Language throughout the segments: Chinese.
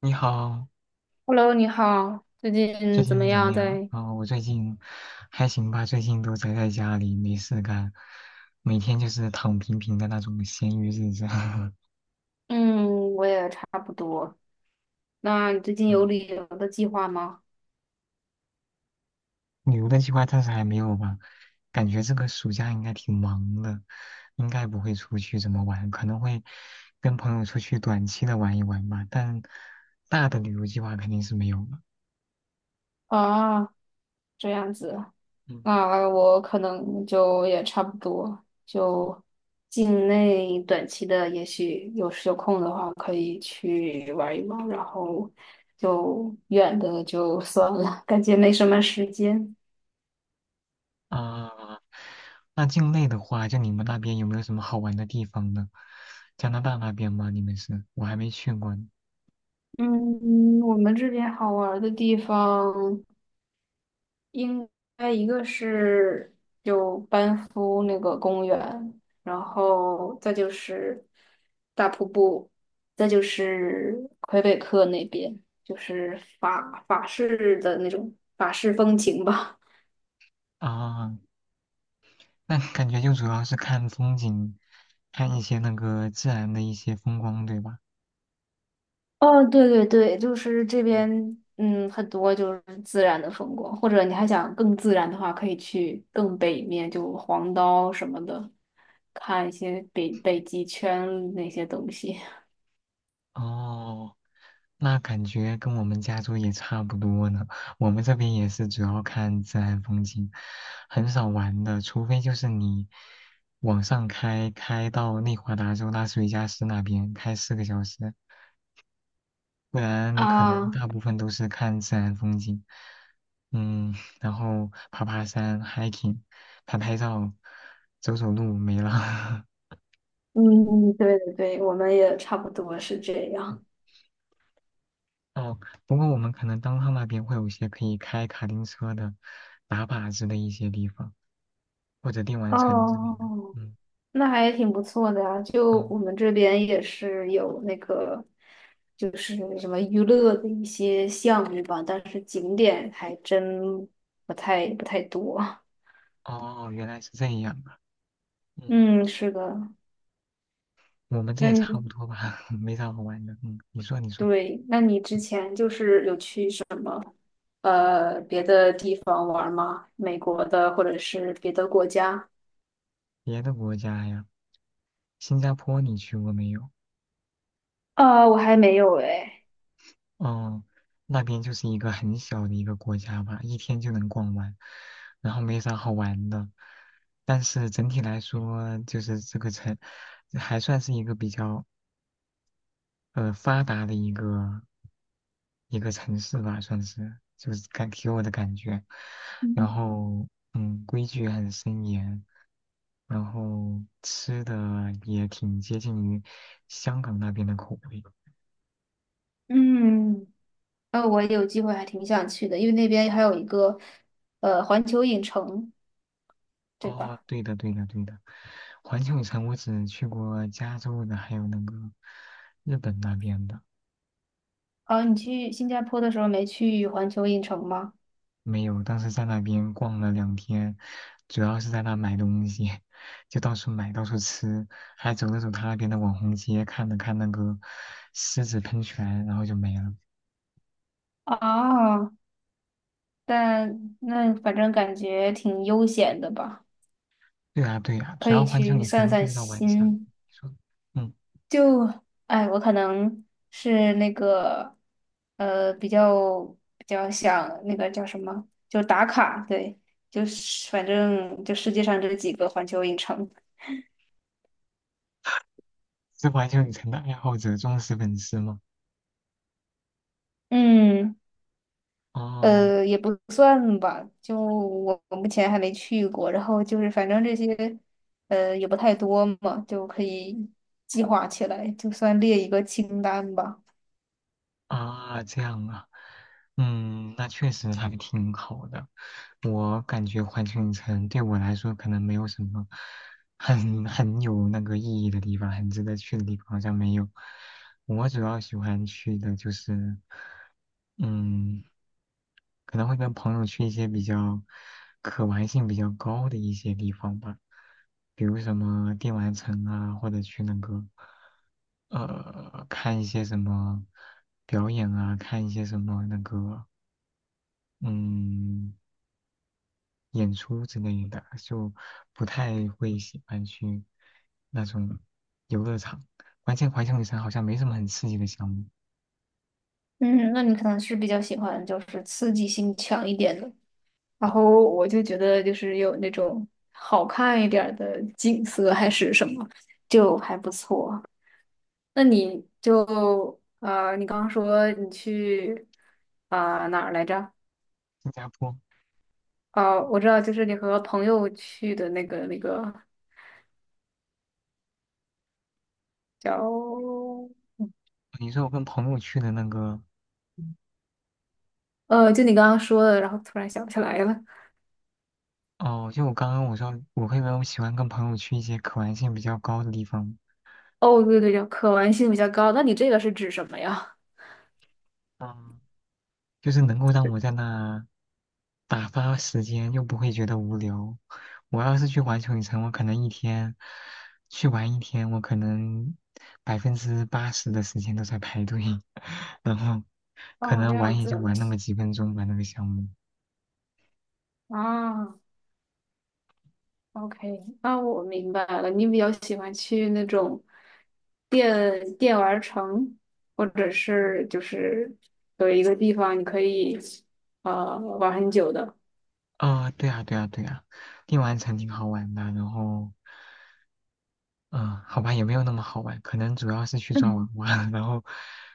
你好，Hello，你好，最最近怎么近怎么样样？在？啊、我最近还行吧，最近都宅在家里没事干，每天就是躺平平的那种闲鱼日子。嗯，我也差不多。那你最近有旅嗯游的计划吗？旅游的计划暂时还没有吧，感觉这个暑假应该挺忙的，应该不会出去怎么玩，可能会跟朋友出去短期的玩一玩吧，但大的旅游计划肯定是没有了。啊，这样子，嗯那我可能就也差不多，就境内短期的，也许有时有空的话，可以去玩一玩，然后就远的就算了，感觉没什么时间。啊，那境内的话，就你们那边有没有什么好玩的地方呢？加拿大那边吗？你们是？我还没去过呢。嗯，我们这边好玩的地方。应该一个是就班夫那个公园，然后再就是大瀑布，再就是魁北克那边，就是法式的那种法式风情吧。啊。那感觉就主要是看风景，看一些那个自然的一些风光，对吧？哦，对对对，就是这边，嗯，很多就是自然的风光，或者你还想更自然的话，可以去更北面，就黄刀什么的，看一些北极圈那些东西。 哦，那感觉跟我们加州也差不多呢。我们这边也是主要看自然风景，很少玩的，除非就是你往上开，开到内华达州拉斯维加斯那边，开4个小时。不然 你可能啊。大部分都是看自然风景，嗯，然后爬爬山、hiking、拍拍照、走走路，没了。嗯，对对对，我们也差不多是这样。哦，不过我们可能当趟那边会有一些可以开卡丁车的、打靶子的一些地方，或者电玩城之类的。哦，嗯，那还挺不错的呀。就哦我们这边也是有那个，就是什么娱乐的一些项目吧，但是景点还真不太多。哦哦，原来是这样啊。嗯，嗯，是的。我们这那也差你不多吧，没啥好玩的。嗯，你说你说，对，那你之前就是有去什么别的地方玩吗？美国的或者是别的国家？别的国家呀，新加坡你去过没有？我还没有哎。嗯，那边就是一个很小的一个国家吧，一天就能逛完，然后没啥好玩的。但是整体来说，就是这个城还算是一个比较发达的一个城市吧，算是就是感给我的感觉。然嗯后规矩很森严，然后吃的也挺接近于香港那边的口味。嗯。我有机会还挺想去的，因为那边还有一个环球影城，对哦，吧？对的，对的，对的。环球影城我只去过加州的，还有那个日本那边的，哦，你去新加坡的时候没去环球影城吗？没有。当时在那边逛了2天，主要是在那买东西，就到处买，到处吃，还走了走他那边的网红街，看了看那个狮子喷泉，然后就没了。哦，但那反正感觉挺悠闲的吧，对啊，对啊，主可要以环球去影散城不散知道晚上。你心。说，嗯，就，哎，我可能是那个呃比较比较想那个叫什么，就打卡，对，就是反正就世界上这几个环球影城，是环球影城的爱好者忠实粉丝吗？嗯。哦。也不算吧，就我目前还没去过，然后就是反正这些，呃，也不太多嘛，就可以计划起来，就算列一个清单吧。啊，这样啊，嗯，那确实还挺好的。我感觉环球影城对我来说可能没有什么很有那个意义的地方，很值得去的地方好像没有。我主要喜欢去的就是，嗯。可能会跟朋友去一些比较可玩性比较高的一些地方吧，比如什么电玩城啊，或者去那个看一些什么表演啊，看一些什么那个嗯演出之类的，就不太会喜欢去那种游乐场。关键环球影城好像没什么很刺激的项目。嗯，那你可能是比较喜欢就是刺激性强一点的，然嗯后我就觉得就是有那种好看一点儿的景色还是什么，就还不错。那你就你刚刚说你去啊、哪儿来着？新加坡，哦，我知道，就是你和朋友去的那个叫，你说我跟朋友去的那个。就你刚刚说的，然后突然想不起来了。哦，就我刚刚我说，我会不会喜欢跟朋友去一些可玩性比较高的地方？哦，对对对，可玩性比较高。那你这个是指什么呀？嗯，就是能够让我在那打发时间，又不会觉得无聊。我要是去环球影城，我可能一天去玩一天，我可能80%的时间都在排队，然后 可哦，这能样玩也就子玩那么几分钟吧，那个项目。啊，OK，那我明白了。你比较喜欢去那种电玩城，或者是就是有一个地方你可以玩很久的。哦，对啊，对啊，对啊，电玩城挺好玩的，然后。嗯，好吧，也没有那么好玩，可能主要是去抓娃娃，然后，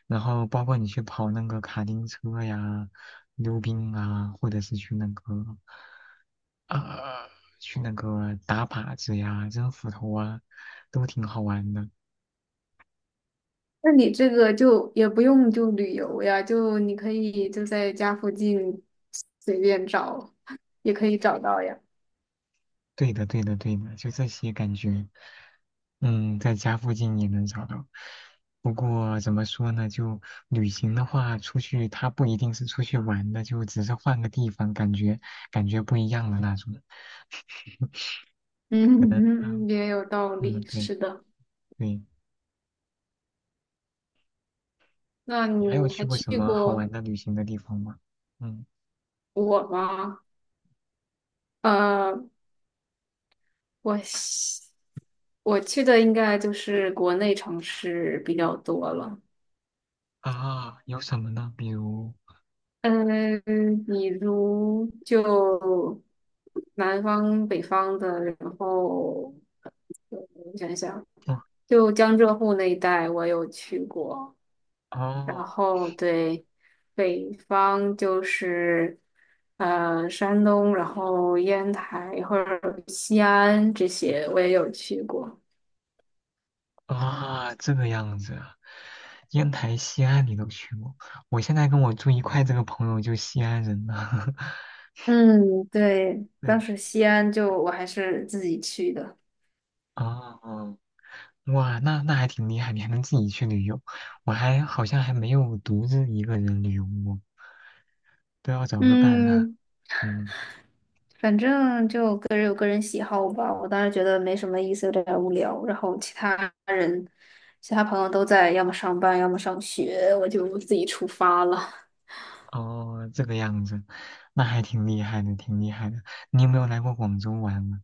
然后包括你去跑那个卡丁车呀、溜冰啊，或者是去那个，呃，去那个打靶子呀、扔斧头啊，都挺好玩的。那你这个就也不用就旅游呀，就你可以就在家附近随便找，也可以找到呀。对的，对的，对的，就这些感觉，嗯，在家附近也能找到。不过怎么说呢，就旅行的话，出去他不一定是出去玩的，就只是换个地方，感觉不一样的那种。可能啊，嗯，也有道嗯，理，对是的。对，那你还有你去还过什去么好过玩的旅行的地方吗？嗯我吗？呃，我西我去的应该就是国内城市比较多了。啊，有什么呢？比如，嗯，比如就南方、北方的，然后。呃我想想。哦就江浙沪那一带我有去过，然哦。后对北方就是山东，然后烟台或者西安这些我也有去过。啊，这个样子啊，烟台、西安你都去过？我现在跟我住一块这个朋友就西安人呢。嗯，对，对，当时西安就我还是自己去的。哦，哇，那还挺厉害，你还能自己去旅游，我还好像还没有独自一个人旅游过，都要找个伴了。嗯，嗯，反正就个人有个人喜好吧。我当时觉得没什么意思，有点儿无聊。然后其他人、其他朋友都在要么上班，要么上学，我就自己出发了。哦，这个样子，那还挺厉害的，挺厉害的。你有没有来过广州玩呢？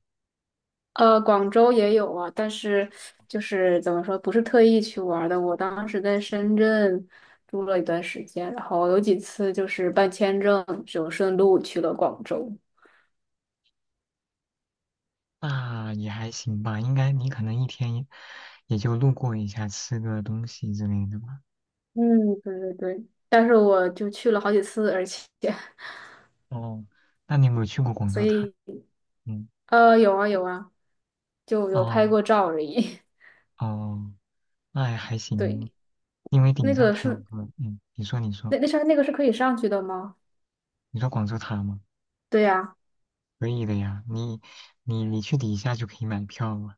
广州也有啊，但是就是怎么说，不是特意去玩儿的。我当时在深圳住了一段时间，然后有几次就是办签证，就顺路去了广州。那也还行吧，应该你可能一天也就路过一下，吃个东西之类的吧。嗯，对对对，但是我就去了好几次，而且。 哦，那你有没有去过广所州塔？以嗯，有啊有啊，就有拍哦过照而已。哦，那也还 行，对，因为顶那上个还有是个，嗯，你说你说那那上那个是可以上去的吗？你说广州塔吗？对呀、可以的呀，你去底下就可以买票了。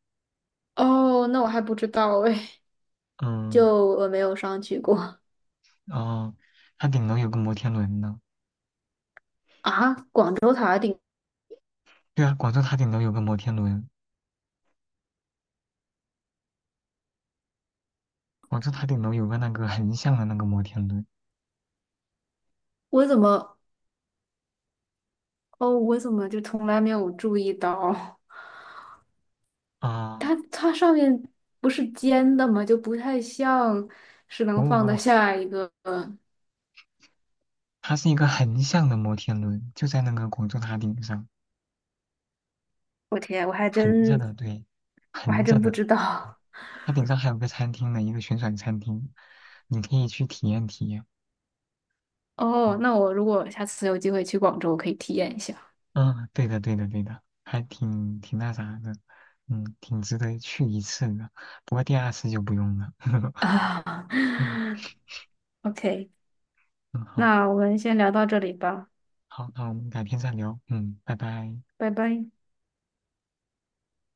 哦，那我还不知道哎。嗯，就我没有上去过。 哦，它顶楼有个摩天轮呢。啊。广州塔顶，对啊，广州塔顶楼有个摩天轮，广州塔顶楼有个那个横向的那个摩天轮。我怎么？哦，我怎么就从来没有注意到？啊，它它上面不是尖的吗？就不太像是不能过不放得过下一个。它是一个横向的摩天轮，就在那个广州塔顶上，我天，横着的，对，我还横着真不的。知道。它顶上还有个餐厅呢，一个旋转餐厅，你可以去体验体验。哦，嗯，那我如果下次有机会去广州，我可以体验一下。嗯对的，对的，对的，还挺挺那啥的，嗯，挺值得去一次的。不过第2次就不用了。啊嗯，OK，嗯，好，那我们先聊到这里吧，好，那我们改天再聊。嗯，拜拜。拜拜。